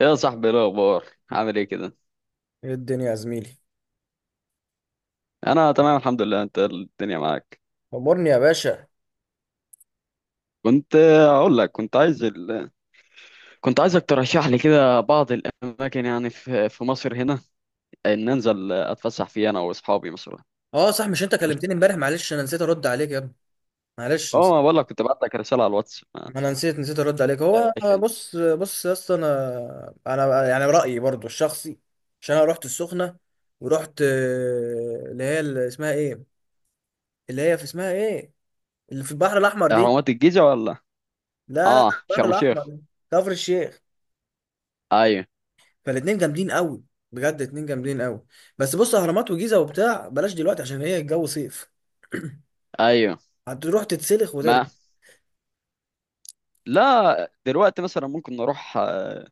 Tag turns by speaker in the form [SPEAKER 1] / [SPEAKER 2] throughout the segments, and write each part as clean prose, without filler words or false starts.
[SPEAKER 1] يا صاحبي، إيه الاخبار؟ عامل ايه كده؟
[SPEAKER 2] ايه الدنيا يا زميلي؟
[SPEAKER 1] انا تمام الحمد لله، انت الدنيا معاك؟
[SPEAKER 2] امرني يا باشا.
[SPEAKER 1] كنت اقول لك، كنت عايز كنت عايزك ترشح لي كده بعض الاماكن، يعني في مصر هنا، ان انزل اتفسح فيها انا واصحابي مثلا.
[SPEAKER 2] اه، صح، مش انت
[SPEAKER 1] رشح
[SPEAKER 2] كلمتني امبارح؟
[SPEAKER 1] لي.
[SPEAKER 2] معلش انا نسيت ارد عليك يا ابني. معلش،
[SPEAKER 1] اه،
[SPEAKER 2] نسيت.
[SPEAKER 1] ما بقول لك كنت بعت لك رساله على الواتس، ما
[SPEAKER 2] ما انا نسيت ارد عليك. هو،
[SPEAKER 1] تعرفش انت؟
[SPEAKER 2] بص بص يا اسطى، انا يعني رايي برضو الشخصي. عشان انا رحت السخنه، ورحت اللي هي، اللي اسمها ايه؟ اللي هي في اسمها ايه؟ اللي في البحر الاحمر دي.
[SPEAKER 1] اهرامات الجيزه ولا؟
[SPEAKER 2] لا، لا،
[SPEAKER 1] اه،
[SPEAKER 2] البحر
[SPEAKER 1] شرم الشيخ.
[SPEAKER 2] الاحمر، كفر الشيخ.
[SPEAKER 1] ايوه.
[SPEAKER 2] فالاتنين جامدين قوي، بجد اتنين جامدين قوي. بس بص، اهرامات وجيزه وبتاع بلاش دلوقتي، عشان هي الجو صيف،
[SPEAKER 1] ايوه.
[SPEAKER 2] هتروح تتسلخ وترجع.
[SPEAKER 1] ما لا، دلوقتي مثلا ممكن نروح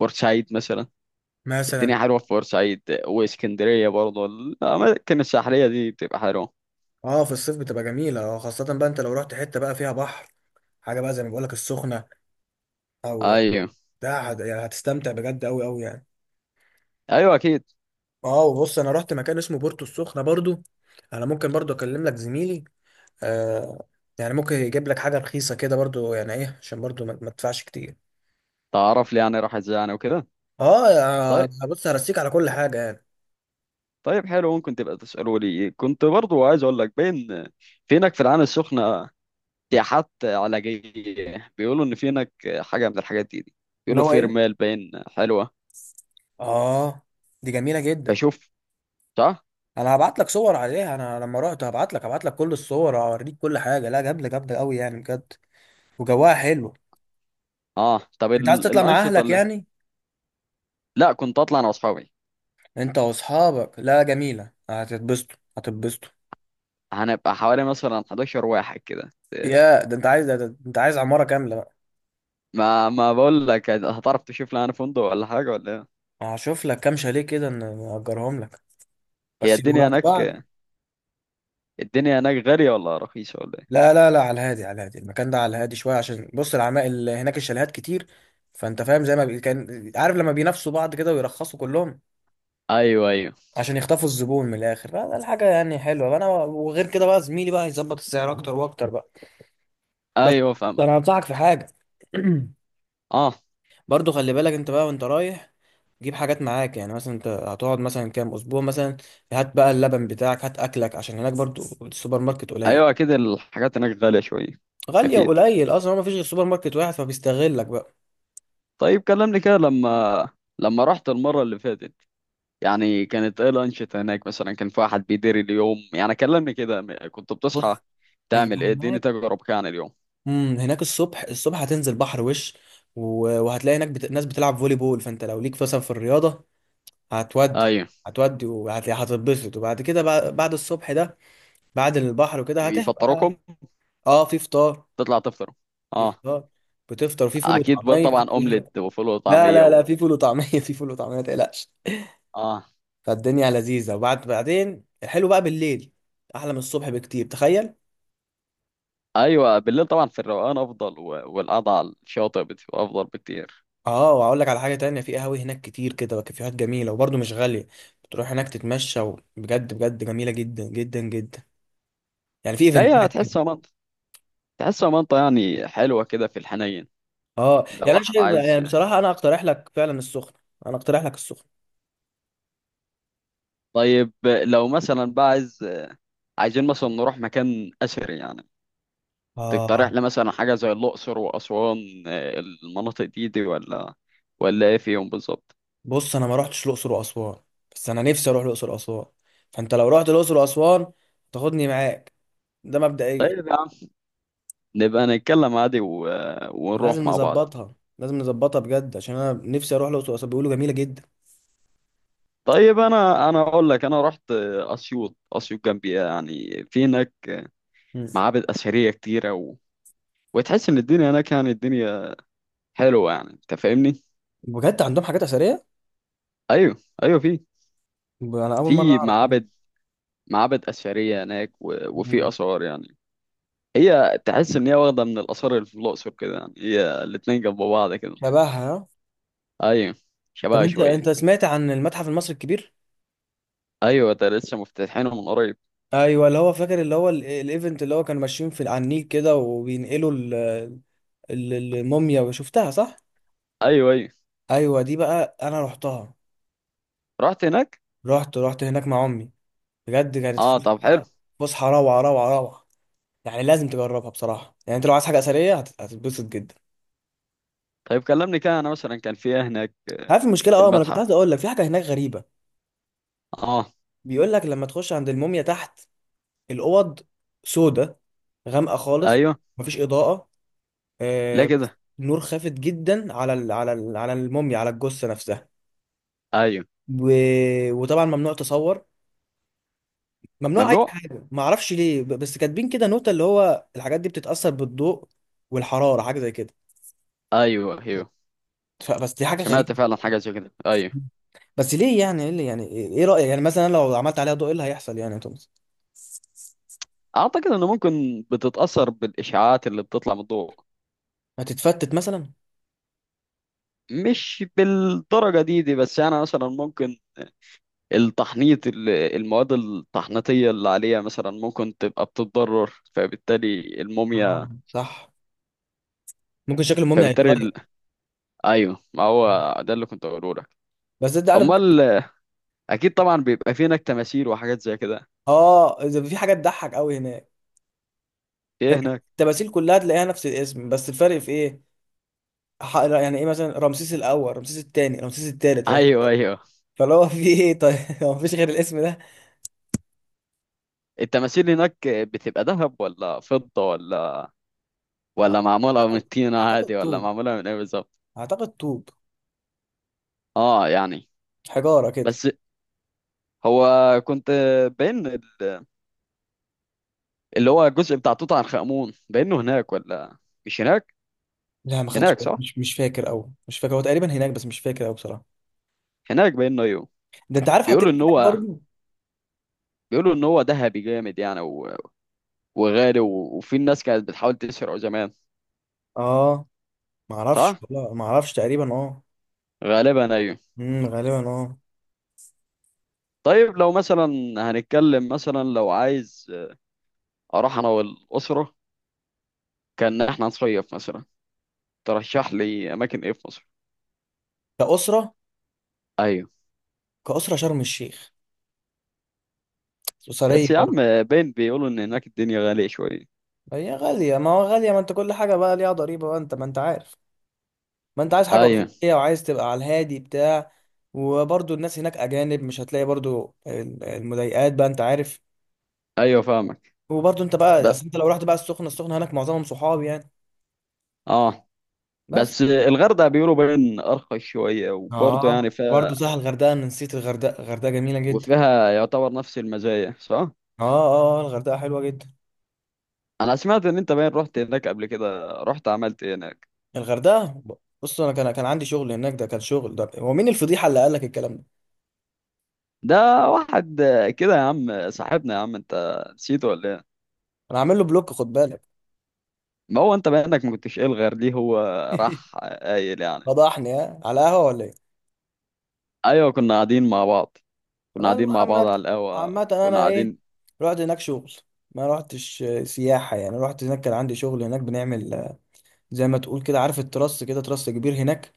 [SPEAKER 1] بورسعيد مثلا.
[SPEAKER 2] مثلا.
[SPEAKER 1] الدنيا حلوة في بورسعيد واسكندرية، برضه الأماكن الساحلية دي بتبقى حلوة.
[SPEAKER 2] اه، في الصيف بتبقى جميلة. اه، خاصة بقى انت لو رحت حتة بقى فيها بحر، حاجة بقى زي ما بقولك، السخنة. او،
[SPEAKER 1] أيوه.
[SPEAKER 2] ده يعني هتستمتع بجد، اوي اوي يعني.
[SPEAKER 1] أيوه أكيد.
[SPEAKER 2] اه، وبص، انا رحت مكان اسمه بورتو السخنة برضو. انا ممكن برضو اكلم لك زميلي. آه، يعني ممكن يجيب لك حاجة رخيصة كده برضو يعني ايه، عشان برضو ما تدفعش كتير.
[SPEAKER 1] تعرف لي يعني راح إزاي يعني وكده.
[SPEAKER 2] اه،
[SPEAKER 1] طيب.
[SPEAKER 2] بص، هرسيك على كل حاجة يعني.
[SPEAKER 1] طيب حلو، ممكن تبقى تسألوا لي. كنت برضه عايز أقول لك، بين في هناك في العين السخنة سياحات علاجية، بيقولوا إن في هناك حاجة من الحاجات دي.
[SPEAKER 2] اللي
[SPEAKER 1] بيقولوا
[SPEAKER 2] هو
[SPEAKER 1] في
[SPEAKER 2] ايه؟
[SPEAKER 1] رمال باين حلوة.
[SPEAKER 2] اه، دي جميلة جدا.
[SPEAKER 1] بشوف. صح؟
[SPEAKER 2] انا هبعت لك صور عليها، انا لما رحت هبعت لك، كل الصور، هوريك كل حاجة. لا، جامدة جامدة اوي يعني، بجد. وجواها حلو.
[SPEAKER 1] أه طب،
[SPEAKER 2] انت عايز تطلع مع
[SPEAKER 1] الأنشطة
[SPEAKER 2] اهلك
[SPEAKER 1] اللي،
[SPEAKER 2] يعني؟
[SPEAKER 1] لا كنت أطلع أنا وأصحابي.
[SPEAKER 2] انت واصحابك، لا، جميله، هتتبسطوا هتتبسطوا.
[SPEAKER 1] هنبقى حوالي مثلا 11 واحد كده.
[SPEAKER 2] يا ده انت عايز، ده انت عايز عماره كامله بقى.
[SPEAKER 1] ما بقول لك، هتعرف تشوف لي انا فندق ولا حاجه ولا ايه؟
[SPEAKER 2] هشوف لك كام شاليه كده، نأجرهم لك،
[SPEAKER 1] هي
[SPEAKER 2] بس يبقوا
[SPEAKER 1] الدنيا
[SPEAKER 2] جنب بعض.
[SPEAKER 1] هناك، الدنيا هناك غاليه ولا رخيصه ولا ايه؟
[SPEAKER 2] لا، لا، لا، على الهادي، على الهادي المكان ده، على الهادي شويه، عشان بص، العمائل هناك الشاليهات كتير، فانت فاهم زي ما كان عارف، لما بينافسوا بعض كده ويرخصوا كلهم
[SPEAKER 1] ايوه، ايوه.
[SPEAKER 2] عشان يخطفوا الزبون من الاخر. لا ده الحاجه يعني حلوه انا. وغير كده بقى، زميلي بقى هيظبط السعر اكتر واكتر بقى. بس،
[SPEAKER 1] ايوه فاهمك.
[SPEAKER 2] انا هنصحك في حاجه.
[SPEAKER 1] اه.
[SPEAKER 2] برضو خلي بالك انت بقى وانت رايح، جيب حاجات معاك. يعني مثلا، انت هتقعد مثلا كام اسبوع مثلا، هات بقى اللبن بتاعك، هات اكلك، عشان هناك برضو السوبر ماركت قليل.
[SPEAKER 1] ايوه اكيد، الحاجات هناك غاليه شويه.
[SPEAKER 2] غالية،
[SPEAKER 1] اكيد.
[SPEAKER 2] وقليل اصلا، هو مفيش غير سوبر ماركت واحد فبيستغلك بقى.
[SPEAKER 1] طيب كلمني كده، لما لما رحت المره اللي فاتت يعني، كانت ايه الانشطه هناك؟ مثلا كان في واحد بيدير اليوم، يعني كلمني كده. كنت بتصحى
[SPEAKER 2] بص، هي
[SPEAKER 1] تعمل ايه؟ اديني
[SPEAKER 2] هناك،
[SPEAKER 1] تجربه كده عن اليوم.
[SPEAKER 2] هناك الصبح الصبح هتنزل بحر وش، وهتلاقي هناك ناس بتلعب فولي بول، فانت لو ليك مثلا في الرياضة، هتودي
[SPEAKER 1] ايوه.
[SPEAKER 2] هتودي وهتبسط. وبعد كده بقى، بعد الصبح ده، بعد البحر وكده هتبقى.
[SPEAKER 1] يفطروكم؟
[SPEAKER 2] اه، في فطار.
[SPEAKER 1] تطلع تفطروا؟
[SPEAKER 2] في،
[SPEAKER 1] اه.
[SPEAKER 2] بتفطر في فول
[SPEAKER 1] اكيد بقى،
[SPEAKER 2] وطعميه في
[SPEAKER 1] طبعا
[SPEAKER 2] كل
[SPEAKER 1] اومليت
[SPEAKER 2] حاجه.
[SPEAKER 1] وفول
[SPEAKER 2] لا،
[SPEAKER 1] وطعميه
[SPEAKER 2] لا، لا، في فول وطعميه، في فول وطعميه، ما تقلقش.
[SPEAKER 1] اه.
[SPEAKER 2] فالدنيا لذيذه. وبعد بعدين الحلو بقى بالليل، احلى من الصبح بكتير، تخيل.
[SPEAKER 1] ايوه، بالليل طبعا في الروقان افضل، والقعده على الشاطئ بتبقى افضل بكتير.
[SPEAKER 2] اه، واقول لك على حاجه تانية، في قهاوي هناك كتير كده، وكافيهات جميله وبرضه مش غاليه، بتروح هناك تتمشى، وبجد بجد جميله جدا جدا جدا. يعني في
[SPEAKER 1] لا، هي
[SPEAKER 2] ايفنتات كده.
[SPEAKER 1] تحسها منطقه، تحسها منطقه يعني حلوه كده في الحنين.
[SPEAKER 2] اه،
[SPEAKER 1] لو
[SPEAKER 2] يعني انا
[SPEAKER 1] واحد
[SPEAKER 2] شايف يعني
[SPEAKER 1] عايز،
[SPEAKER 2] بصراحه، انا اقترح لك فعلا السخنه، انا اقترح لك السخنه.
[SPEAKER 1] طيب لو مثلا بقى عايز، عايزين مثلا نروح مكان اثري يعني، تقترح
[SPEAKER 2] اه،
[SPEAKER 1] لي مثلا حاجه زي الاقصر واسوان؟ المناطق دي ولا، ولا ايه فيهم بالظبط؟
[SPEAKER 2] بص، انا ما رحتش الاقصر واسوان، بس انا نفسي اروح الاقصر واسوان، فانت لو رحت الاقصر واسوان، تاخدني معاك، ده مبدئيا.
[SPEAKER 1] طيب يا عم، نبقى نتكلم عادي
[SPEAKER 2] لازم
[SPEAKER 1] ونروح مع بعض.
[SPEAKER 2] نظبطها، لازم نظبطها بجد، عشان انا نفسي اروح الاقصر واسوان، بيقولوا جميله جدا.
[SPEAKER 1] طيب، انا اقول لك، انا رحت اسيوط، اسيوط جنبي يعني، في هناك
[SPEAKER 2] مم.
[SPEAKER 1] معابد اثريه كتيره وتحس ان الدنيا هناك، يعني الدنيا حلوه، يعني انت فاهمني.
[SPEAKER 2] بجد عندهم حاجات اثريه؟
[SPEAKER 1] ايوه. ايوه، في
[SPEAKER 2] انا اول مره
[SPEAKER 1] في
[SPEAKER 2] اعرف كده.
[SPEAKER 1] معابد، معابد اثريه هناك وفي
[SPEAKER 2] مم.
[SPEAKER 1] اثار يعني. هي تحس ان هي واخده من الاثار اللي في الاقصر كده، يعني هي الاتنين جنب بعض كده.
[SPEAKER 2] شبهها، آه.
[SPEAKER 1] ايوه.
[SPEAKER 2] طب،
[SPEAKER 1] شبهها
[SPEAKER 2] انت
[SPEAKER 1] شويه.
[SPEAKER 2] انت سمعت عن المتحف المصري الكبير؟
[SPEAKER 1] ايوه، ده لسه مفتتحينه من قريب.
[SPEAKER 2] ايوه، اللي هو فاكر، اللي هو الايفنت اللي هو كانوا ماشيين في على النيل كده، وبينقلوا الموميا، وشفتها، صح؟
[SPEAKER 1] ايوه، ايوه.
[SPEAKER 2] ايوه دي بقى انا رحتها،
[SPEAKER 1] رحت هناك.
[SPEAKER 2] رحت هناك مع امي، بجد كانت
[SPEAKER 1] اه طب حلو.
[SPEAKER 2] فسحه، فسحه روعه روعه روعه. يعني لازم تجربها بصراحه، يعني انت لو عايز حاجه اثريه هتتبسط جدا.
[SPEAKER 1] طيب كلمني كده، انا مثلا كان في إيه هناك
[SPEAKER 2] عارف المشكله؟
[SPEAKER 1] في
[SPEAKER 2] اه، ما انا كنت
[SPEAKER 1] المتحف؟
[SPEAKER 2] عايز اقول لك، في حاجه هناك غريبه.
[SPEAKER 1] اه.
[SPEAKER 2] بيقول لك، لما تخش عند الموميا تحت، الاوض سودة، غامقه خالص،
[SPEAKER 1] ايوه
[SPEAKER 2] مفيش اضاءه،
[SPEAKER 1] لا
[SPEAKER 2] آه،
[SPEAKER 1] كده.
[SPEAKER 2] نور خافت جدا على الموميا، على الجثه نفسها.
[SPEAKER 1] ايوه.
[SPEAKER 2] و... وطبعا ممنوع تصور، ممنوع اي
[SPEAKER 1] ممنوع.
[SPEAKER 2] حاجه. ما اعرفش ليه، بس كاتبين كده نوتة اللي هو الحاجات دي بتتاثر بالضوء والحراره، حاجه زي كده.
[SPEAKER 1] ايوه، أيوه.
[SPEAKER 2] بس دي حاجه غريبه.
[SPEAKER 1] سمعت فعلا حاجة زي كده، أيوه.
[SPEAKER 2] بس ليه؟ يعني ايه اللي يعني ايه رأيك يعني مثلا لو عملت عليها ضوء، ايه اللي هيحصل يعني يا توماس؟
[SPEAKER 1] أعتقد إنه ممكن بتتأثر بالإشعاعات اللي بتطلع من الضوء.
[SPEAKER 2] هتتفتت مثلا؟
[SPEAKER 1] مش بالدرجة دي، بس يعني مثلا ممكن التحنيط، المواد التحنيطية اللي عليها مثلا ممكن تبقى بتتضرر، فبالتالي الموميا،
[SPEAKER 2] اه، صح، ممكن شكل الموميا
[SPEAKER 1] فبالتالي
[SPEAKER 2] هيتغير.
[SPEAKER 1] أيوه، ما هو ده اللي كنت أقوله لك.
[SPEAKER 2] بس انت عارف،
[SPEAKER 1] أمال. أكيد طبعا، بيبقى في هناك تماثيل وحاجات زي كده.
[SPEAKER 2] اه، اذا في حاجه تضحك قوي هناك.
[SPEAKER 1] في إيه
[SPEAKER 2] هناك
[SPEAKER 1] هناك؟
[SPEAKER 2] التماثيل كلها تلاقيها نفس الاسم، بس الفرق في ايه؟ يعني ايه مثلا؟ رمسيس الاول، رمسيس الثاني، رمسيس الثالث، رمسيس،
[SPEAKER 1] أيوه، أيوه.
[SPEAKER 2] فاللي هو في ايه طيب؟ هو مفيش غير الاسم ده.
[SPEAKER 1] التماثيل هناك بتبقى ذهب ولا فضة، ولا ولا معمولة من
[SPEAKER 2] اعتقد،
[SPEAKER 1] الطينة
[SPEAKER 2] اعتقد
[SPEAKER 1] عادي، ولا
[SPEAKER 2] طوب،
[SPEAKER 1] معمولة من ايه بالظبط؟
[SPEAKER 2] اعتقد طوب،
[SPEAKER 1] اه يعني.
[SPEAKER 2] حجاره كده.
[SPEAKER 1] بس. هو. كنت. بين اللي هو الجزء بتاع توت عنخ آمون، بينه هناك ولا مش هناك؟
[SPEAKER 2] لا، ما خدتش
[SPEAKER 1] هناك
[SPEAKER 2] بالي،
[SPEAKER 1] صح،
[SPEAKER 2] مش فاكر قوي، مش فاكر، هو تقريبا هناك بس مش فاكر قوي بصراحه.
[SPEAKER 1] هناك بينه ايوه.
[SPEAKER 2] ده انت عارف حاطين
[SPEAKER 1] بيقولوا
[SPEAKER 2] إيه
[SPEAKER 1] ان
[SPEAKER 2] هناك
[SPEAKER 1] هو،
[SPEAKER 2] برضه؟
[SPEAKER 1] بيقولوا ان هو ذهبي جامد يعني وغالي وفي الناس كانت بتحاول تسرقه زمان.
[SPEAKER 2] اه، ما اعرفش
[SPEAKER 1] صح.
[SPEAKER 2] والله، ما اعرفش تقريبا، اه.
[SPEAKER 1] غالبا ايوه.
[SPEAKER 2] امم، غالبا، اه.
[SPEAKER 1] طيب لو مثلا، هنتكلم مثلا لو عايز اروح انا والاسره، كان احنا نصيف مثلا، ترشح لي اماكن ايه في مصر؟
[SPEAKER 2] كأسرة؟
[SPEAKER 1] ايوه.
[SPEAKER 2] كأسرة شرم الشيخ، أسرية
[SPEAKER 1] بس يا عم،
[SPEAKER 2] برضه.
[SPEAKER 1] باين بيقولوا ان هناك الدنيا غالية شوية.
[SPEAKER 2] هي غالية، ما هو غالية، ما انت كل حاجة بقى ليها ضريبة بقى، انت ما انت عارف. ما انت عايز حاجة
[SPEAKER 1] ايوه
[SPEAKER 2] أسرية وعايز تبقى على الهادي بتاع، وبرضه الناس هناك أجانب، مش هتلاقي برضه المضايقات بقى، انت عارف.
[SPEAKER 1] ايوه فاهمك.
[SPEAKER 2] وبرضه انت بقى،
[SPEAKER 1] بس.
[SPEAKER 2] اصل انت لو رحت بقى السخنة، السخنة هناك معظمهم صحاب يعني.
[SPEAKER 1] اه.
[SPEAKER 2] بس،
[SPEAKER 1] بس الغردقة بيقولوا باين ارخص شوية، وبرضه
[SPEAKER 2] اه،
[SPEAKER 1] يعني
[SPEAKER 2] برضه
[SPEAKER 1] فيها،
[SPEAKER 2] سهل، الغردقة، انا نسيت الغردقة، الغردقة جميلة جدا.
[SPEAKER 1] وفيها يعتبر نفس المزايا، صح؟
[SPEAKER 2] اه، اه، الغردقة حلوة جدا.
[SPEAKER 1] انا سمعت ان انت باين رحت هناك قبل كده، رحت عملت إيه هناك؟
[SPEAKER 2] الغردقه بص، انا كان عندي شغل هناك، ده كان شغل. ده هو مين الفضيحه اللي قال لك الكلام ده؟
[SPEAKER 1] ده واحد كده يا عم، صاحبنا يا عم، انت نسيته ولا ايه؟
[SPEAKER 2] انا عامل له بلوك، خد بالك.
[SPEAKER 1] ما هو انت بانك ما كنتش الغر ليه، هو راح قايل يعني.
[SPEAKER 2] فضحني، ها، على قهوه ولا ايه؟
[SPEAKER 1] ايوه، كنا قاعدين مع بعض، كنا قاعدين
[SPEAKER 2] تمام،
[SPEAKER 1] مع بعض
[SPEAKER 2] عامه.
[SPEAKER 1] على القهوة،
[SPEAKER 2] عامه
[SPEAKER 1] كنا
[SPEAKER 2] انا ايه؟
[SPEAKER 1] قاعدين.
[SPEAKER 2] رحت هناك شغل، ما رحتش سياحه يعني، رحت هناك كان عندي شغل هناك، بنعمل زي ما تقول كده، عارف التراس كده، تراس كبير هناك،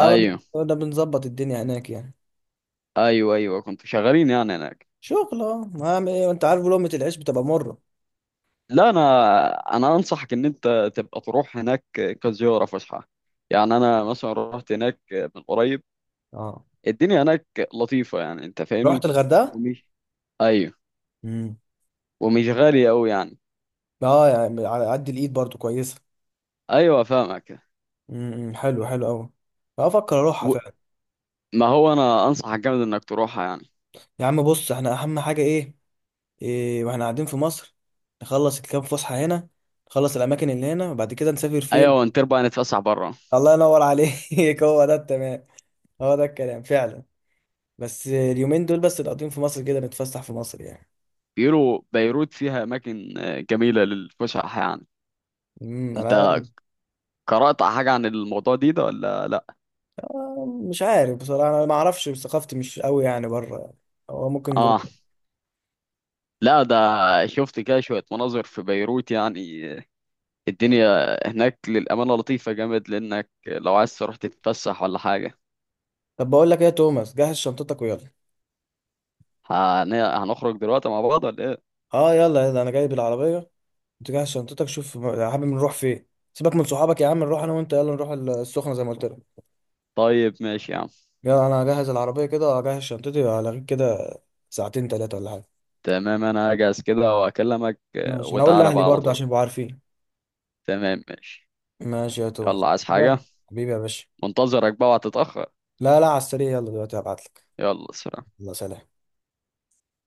[SPEAKER 1] ايوه،
[SPEAKER 2] بنظبط الدنيا هناك يعني.
[SPEAKER 1] ايوه. ايوه كنتوا شغالين يعني هناك.
[SPEAKER 2] شغل، اه ما أعمل ايه، انت عارف لقمه العيش بتبقى مره.
[SPEAKER 1] لا انا، انا انصحك ان انت تبقى تروح هناك كزياره فسحه. يعني انا مثلا رحت هناك من قريب،
[SPEAKER 2] اه،
[SPEAKER 1] الدنيا هناك لطيفه، يعني انت
[SPEAKER 2] رحت
[SPEAKER 1] فاهمني.
[SPEAKER 2] الغردقه.
[SPEAKER 1] ومش، ايوه،
[SPEAKER 2] امم.
[SPEAKER 1] ومش غاليه قوي يعني.
[SPEAKER 2] اه، يعني على قد الايد برضو كويسه.
[SPEAKER 1] ايوه فاهمك.
[SPEAKER 2] امم، حلو حلو قوي، افكر اروحها
[SPEAKER 1] و...
[SPEAKER 2] فعلا.
[SPEAKER 1] ما هو انا انصحك جامد انك تروحها يعني.
[SPEAKER 2] يا عم بص، احنا اهم حاجه ايه، إيه واحنا قاعدين في مصر؟ نخلص الكام فسحه هنا، نخلص الاماكن اللي هنا، وبعد كده نسافر فين؟
[SPEAKER 1] ايوه انت بقى، نتفسح بره.
[SPEAKER 2] الله ينور عليك! هو ده التمام، هو ده الكلام فعلا. بس اليومين دول بس نقضيهم في مصر كده، نتفسح في مصر يعني.
[SPEAKER 1] بيقولوا بيروت فيها اماكن جميله للفسح يعني.
[SPEAKER 2] انا
[SPEAKER 1] انت
[SPEAKER 2] أنا-
[SPEAKER 1] قرأت حاجه عن الموضوع دي ده ولا لا؟
[SPEAKER 2] مش عارف بصراحه، انا ما اعرفش، ثقافتي مش قوي يعني بره يعني. هو ممكن
[SPEAKER 1] اه.
[SPEAKER 2] جوه.
[SPEAKER 1] لا، ده شفت كده شوية مناظر في بيروت، يعني الدنيا هناك للأمانة لطيفة جامد، لأنك لو عايز تروح تتفسح ولا حاجة.
[SPEAKER 2] طب بقول لك ايه يا توماس؟ جهز شنطتك ويلا.
[SPEAKER 1] هن- هنخرج دلوقتي مع بعض ولا إيه؟
[SPEAKER 2] اه، يلا يلا، انا جايب العربيه، تجهز شنطتك، شوف يا حبيبي نروح فين. سيبك من صحابك يا عم، نروح انا وانت، يلا نروح السخنه زي ما قلت لك.
[SPEAKER 1] طيب ماشي يا عم.
[SPEAKER 2] يلا، انا هجهز العربيه كده، هجهز شنطتي، هلاقيك كده ساعتين ثلاثه ولا حاجه.
[SPEAKER 1] تمام، أنا هجهز كده وأكلمك،
[SPEAKER 2] ماشي، انا اقول
[SPEAKER 1] وتعالى
[SPEAKER 2] لاهلي
[SPEAKER 1] بقى على
[SPEAKER 2] برضه
[SPEAKER 1] طول.
[SPEAKER 2] عشان يبقوا عارفين.
[SPEAKER 1] تمام ماشي.
[SPEAKER 2] ماشي يا توماس.
[SPEAKER 1] يلا، عايز حاجة؟
[SPEAKER 2] تمام. حبيبي يا باشا.
[SPEAKER 1] منتظرك بقى، وهتتأخر.
[SPEAKER 2] لا، لا، على السريع، يلا دلوقتي هبعت لك.
[SPEAKER 1] يلا سلام.
[SPEAKER 2] يلا سلام.